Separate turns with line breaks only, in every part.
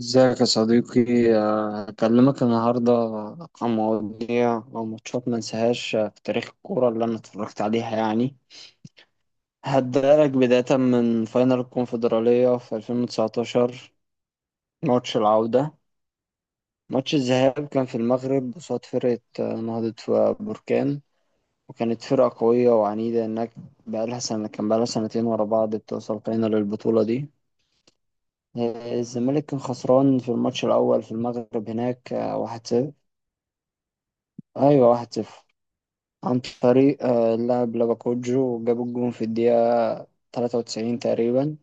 ازيك يا صديقي. هكلمك النهاردة عن مواضيع أو ماتشات ما انساهاش في تاريخ الكورة اللي أنا اتفرجت عليها يعني. هبدألك بداية من فاينل الكونفدرالية في 2019. ماتش العودة، ماتش الذهاب كان في المغرب قصاد فرقة نهضة بركان، وكانت فرقة قوية وعنيدة، إنك بقالها سنة، بقالها سنتين ورا بعض بتوصل فاينل البطولة دي. الزمالك كان خسران في الماتش الأول في المغرب هناك، واحد صفر. أيوة واحد صفر، عن طريق اللاعب لاباكوجو، جاب الجون في الدقيقة 93 تقريبا.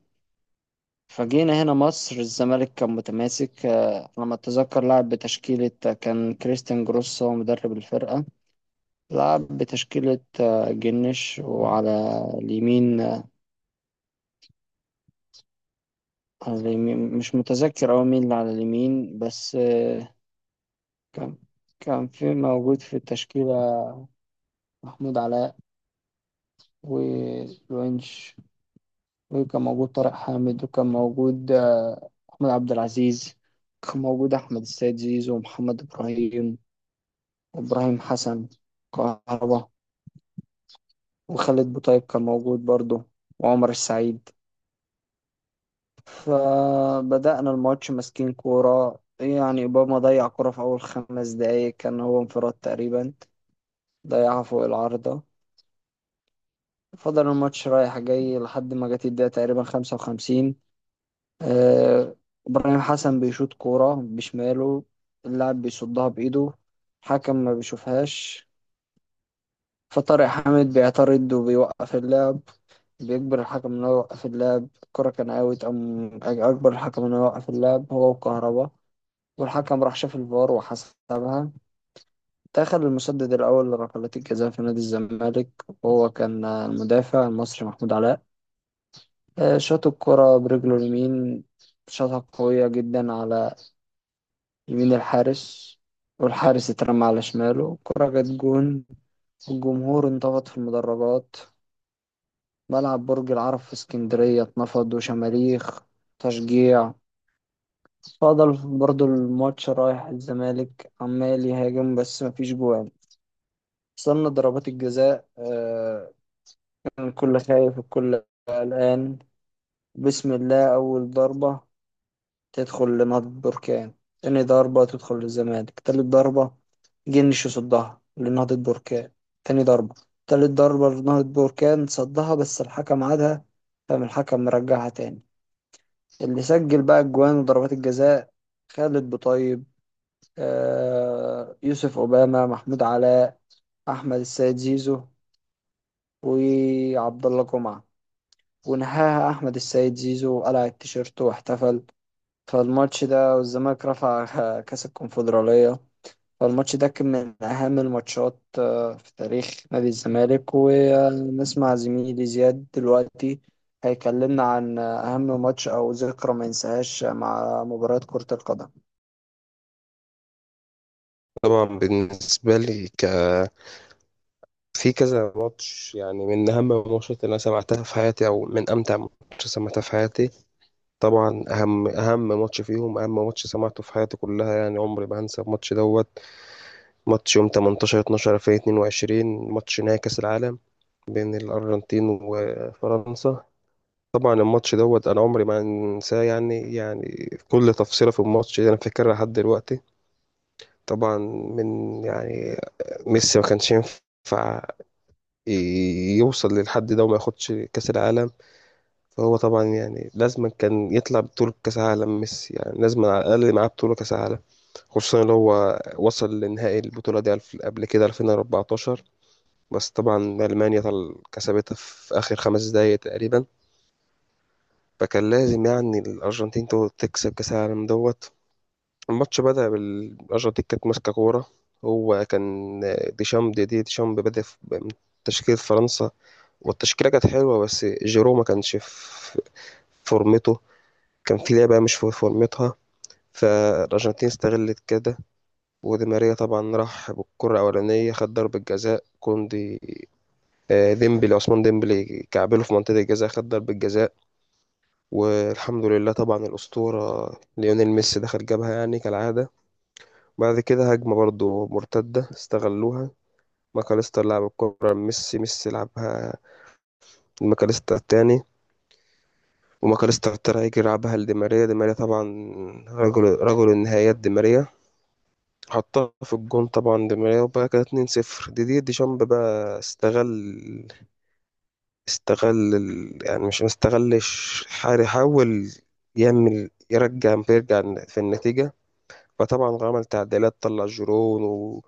فجينا هنا مصر، الزمالك كان متماسك. لما أتذكر، لعب بتشكيلة، كان كريستيان جروس هو مدرب الفرقة. لعب بتشكيلة، جنش، وعلى اليمين على اليمين مش متذكر أوي مين اللي على اليمين، بس كان كان موجود في التشكيلة محمود علاء والونش، وكان موجود طارق حامد، وكان موجود أحمد عبد العزيز، كان موجود أحمد السيد زيزو ومحمد إبراهيم وإبراهيم حسن، كهربا، وخالد بوطيب كان موجود برضه، وعمر السعيد. فبدأنا الماتش ماسكين كورة، يعني أوباما ضيع كورة في أول 5 دقايق، كان هو انفراد تقريبا، ضيعها فوق العارضة. فضل الماتش رايح جاي لحد ما جت الدقيقة تقريبا 55. آه، إبراهيم حسن بيشوط كورة بشماله، اللاعب بيصدها بإيده، حكم ما بيشوفهاش، فطارق حامد بيعترض وبيوقف اللعب، بيجبر الحكم إنه يوقف اللعب، الكرة كان أوت، أم أجبر الحكم إنه يوقف اللعب هو وكهربا. والحكم راح شاف الفار وحسبها. دخل المسدد الأول لركلات الجزاء في نادي الزمالك، وهو كان المدافع المصري محمود علاء. شاط الكرة برجله اليمين، شاطها قوية جدا على يمين الحارس، والحارس اترمى على شماله، كرة جت جون. الجمهور انتفض في المدرجات، ملعب برج العرب في اسكندرية اتنفض، وشماريخ تشجيع. فضل برضو الماتش رايح، الزمالك عمال يهاجم، بس مفيش جوان. وصلنا ضربات الجزاء. كان الكل خايف، الكل قلقان. بسم الله، أول ضربة تدخل لنهضة بركان، تاني ضربة تدخل للزمالك، تالت ضربة جن صدها لنهضة بركان، تاني ضربة، تالت ضربة لنهضة بركان صدها بس الحكم عادها، فقام الحكم مرجعها تاني. اللي سجل بقى الجوان وضربات الجزاء، خالد بطيب، آه يوسف أوباما، محمود علاء، أحمد السيد زيزو، وعبد الله جمعة، ونهاها أحمد السيد زيزو وقلع التيشيرت واحتفل. فالماتش ده والزمالك رفع كأس الكونفدرالية. فالماتش ده كان من أهم الماتشات، في تاريخ نادي الزمالك. ونسمع زميلي زياد دلوقتي، هيكلمنا عن أهم ماتش أو ذكرى ما ينساهاش مع مباراة كرة القدم.
طبعا بالنسبة لي في كذا ماتش، يعني من أهم الماتشات اللي أنا سمعتها في حياتي، أو من أمتع ماتش سمعتها في حياتي. طبعا أهم ماتش فيهم، أهم ماتش سمعته في حياتي كلها، يعني عمري ما هنسى الماتش دوت. ماتش يوم 18 12 2022، ماتش نهائي كأس العالم بين الأرجنتين وفرنسا. طبعا الماتش دوت أنا عمري ما هنساه، يعني كل تفصيلة في الماتش دي أنا فاكرها لحد دلوقتي. طبعا، من يعني ميسي ما كانش ينفع يوصل للحد ده وما ياخدش كأس العالم. فهو طبعا يعني لازما كان يطلع بطولة كأس عالم، ميسي يعني لازما على الأقل معاه بطولة كأس عالم. خصوصا إن هو وصل لنهائي البطولة دي قبل كده 2014، بس طبعا ألمانيا كسبتها في آخر خمس دقايق تقريبا. فكان لازم يعني الأرجنتين تكسب كأس العالم دوت. الماتش بدأ بالأرجنتين كانت ماسكة كورة. هو كان ديشامب، ديشامب بدأ بتشكيلة فرنسا، والتشكيلة كانت حلوة بس جيرو ما كانش في فورمته، كان في لعبة مش في فورمتها. فالأرجنتين استغلت كده، ودي ماريا طبعا راح بالكرة الأولانية، خد ضربة جزاء كوندي ديمبلي، عثمان ديمبلي كعبله في منطقة الجزاء، خد ضربة جزاء. والحمد لله طبعا الأسطورة ليونيل ميسي دخل جابها يعني كالعادة. بعد كده هجمة برضو مرتدة استغلوها، ماكاليستر لعب الكرة لميسي، ميسي لعبها الماكاليستر التاني، وماكاليستر ترايجي لعبها لديماريا. ديماريا طبعا رجل النهايات ديماريا، حطها في الجون طبعا ديماريا، وبقى كده 2-0. ديدي ديشامب بقى استغل، يعني مش ما استغلش، حار يحاول يعمل يرجع، بيرجع في النتيجة. فطبعا عمل تعديلات، طلع جيرون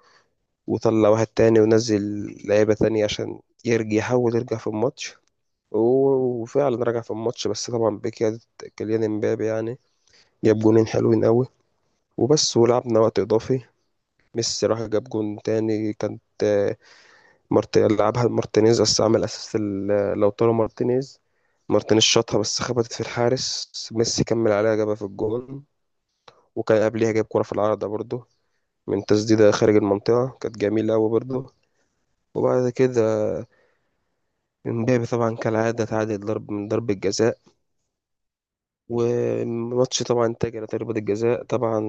وطلع واحد تاني، ونزل لعيبة تانية عشان يرجع يحاول يرجع في الماتش. وفعلا رجع في الماتش، بس طبعا بكيادة كيليان امبابي، يعني جاب جونين حلوين قوي وبس، ولعبنا وقت اضافي. ميسي راح جاب جون تاني، كانت لعبها مارتينيز، بس عمل اسيست لوتارو مارتينيز، مارتينيز شاطها بس خبطت في الحارس، ميسي كمل عليها جابها في الجون. وكان قبليها جاب كرة في العارضة برضه من تسديدة خارج المنطقة، كانت جميلة أوي برضه. وبعد كده امبابي طبعا كالعادة تعادل، ضرب من ضربة جزاء. وماتش طبعا انتهى على ضربة الجزاء. طبعا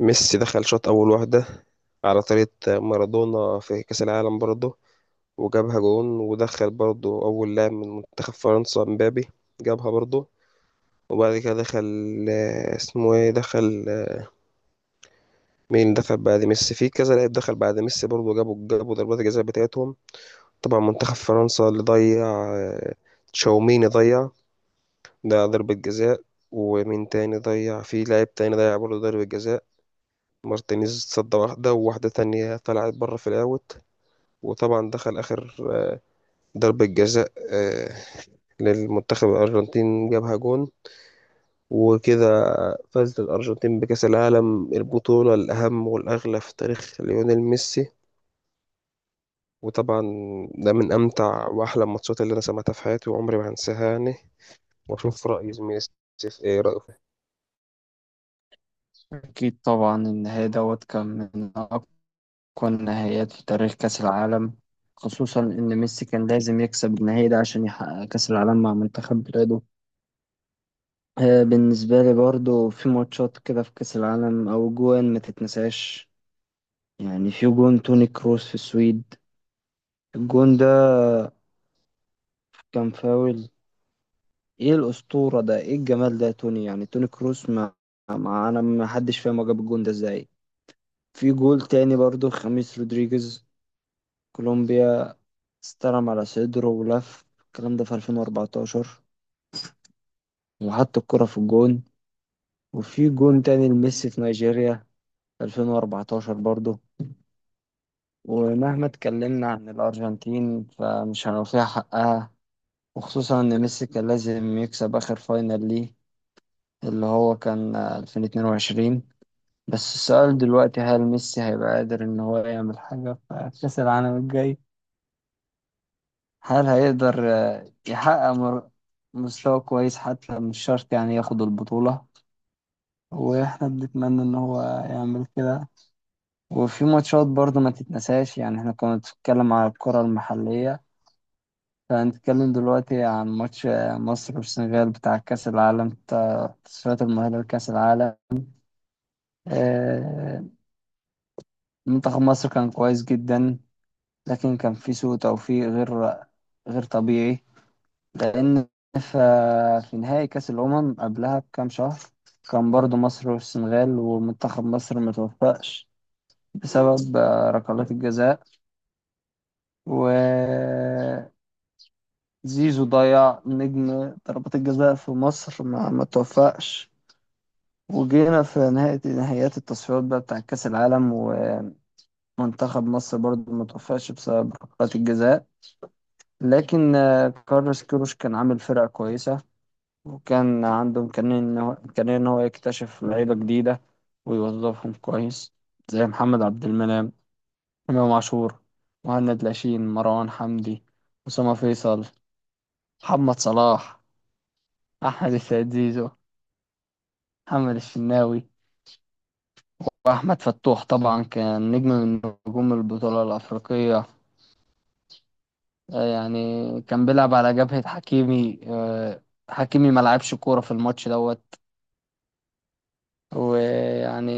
ميسي دخل شاط أول واحدة على طريقة مارادونا في كأس العالم برضه، وجابها جون. ودخل برضه أول لاعب من منتخب فرنسا مبابي، جابها برضه. وبعد كده دخل اسمه ايه، دخل مين دخل بعد ميسي؟ في كذا لاعب دخل بعد ميسي برضه، جابوا ضربات الجزاء بتاعتهم. طبعا منتخب فرنسا اللي ضيع آه، تشاوميني ضيع ده ضربة جزاء. ومين تاني ضيع؟ في لاعب تاني ضيع برضه ضربة جزاء. مارتينيز صد واحدة، وواحدة تانية طلعت بره في الأوت. وطبعا دخل آخر ضربة جزاء للمنتخب الأرجنتين، جابها جون. وكده فازت الأرجنتين بكأس العالم، البطولة الأهم والأغلى في تاريخ ليونيل ميسي. وطبعا ده من أمتع وأحلى الماتشات اللي أنا سمعتها في حياتي، وعمري ما هنساها يعني. وأشوف رأي زميلي سيف إيه رأيه.
أكيد طبعا النهائي دوت كان من أقوى النهائيات في تاريخ كأس العالم، خصوصا إن ميسي كان لازم يكسب النهائي ده عشان يحقق كأس العالم مع منتخب بلاده. بالنسبة لي برضو في ماتشات كده في كأس العالم أو جوان ما تتنساش، يعني في جون توني كروس في السويد، الجون ده كان فاول. ايه الأسطورة ده، ايه الجمال ده يا توني، يعني توني كروس ما انا ما حدش فاهم هو جاب الجون ده ازاي. في جول تاني برضو خميس رودريجيز، كولومبيا، استلم على صدره ولف الكلام ده في 2014 وحط الكرة في الجون. وفي جون تاني لميسي في نيجيريا 2014 برضو. ومهما اتكلمنا عن الأرجنتين فمش هنوفيها حقها، وخصوصا إن ميسي كان لازم يكسب آخر فاينل ليه، اللي هو كان 2022. بس السؤال دلوقتي، هل ميسي هيبقى قادر إن هو يعمل حاجة في كأس العالم الجاي؟ هل هيقدر يحقق مستوى كويس، حتى مش شرط يعني ياخد البطولة، واحنا بنتمنى ان هو يعمل كده. وفي ماتشات برضه ما تتنساش، يعني احنا كنا بنتكلم على الكرة المحلية، هنتكلم دلوقتي عن ماتش مصر والسنغال بتاع كأس العالم، بتاع تصفيات المؤهلة لكأس العالم. آه، منتخب مصر كان كويس جدا، لكن كان في سوء توفيق غير غير طبيعي. لأن ف- في نهائي كأس الأمم قبلها بكام شهر كان برضو مصر والسنغال، ومنتخب مصر متوفقش بسبب ركلات الجزاء، وزيزو ضيع، نجم ضربات الجزاء في مصر ما توفقش. وجينا في نهاية نهائيات التصفيات بقى بتاع كأس العالم، ومنتخب مصر برضه ما توفقش بسبب ركلات الجزاء. لكن كارلوس كيروش كان عامل فرقة كويسة، وكان عنده إمكانية إن هو إمكانية إن هو يكتشف لعيبة جديدة ويوظفهم كويس، زي محمد عبد المنعم، إمام عاشور، مهند لاشين، مروان حمدي، أسامة فيصل، محمد صلاح، أحمد السيد زيزو، محمد الشناوي. وأحمد فتوح طبعا كان نجم من نجوم البطولة الأفريقية. يعني كان بيلعب على جبهة حكيمي، حكيمي ما لعبش كورة في الماتش دوت. ويعني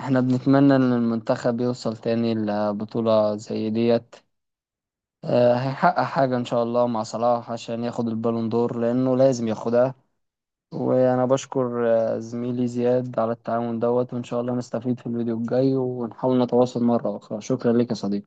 احنا بنتمنى إن المنتخب يوصل تاني لبطولة زي ديت. هيحقق حاجة إن شاء الله مع صلاح عشان ياخد البالون دور، لأنه لازم ياخدها. وأنا بشكر زميلي زياد على التعاون دوت، وإن شاء الله نستفيد في الفيديو الجاي، ونحاول نتواصل مرة أخرى. شكرا لك يا صديقي.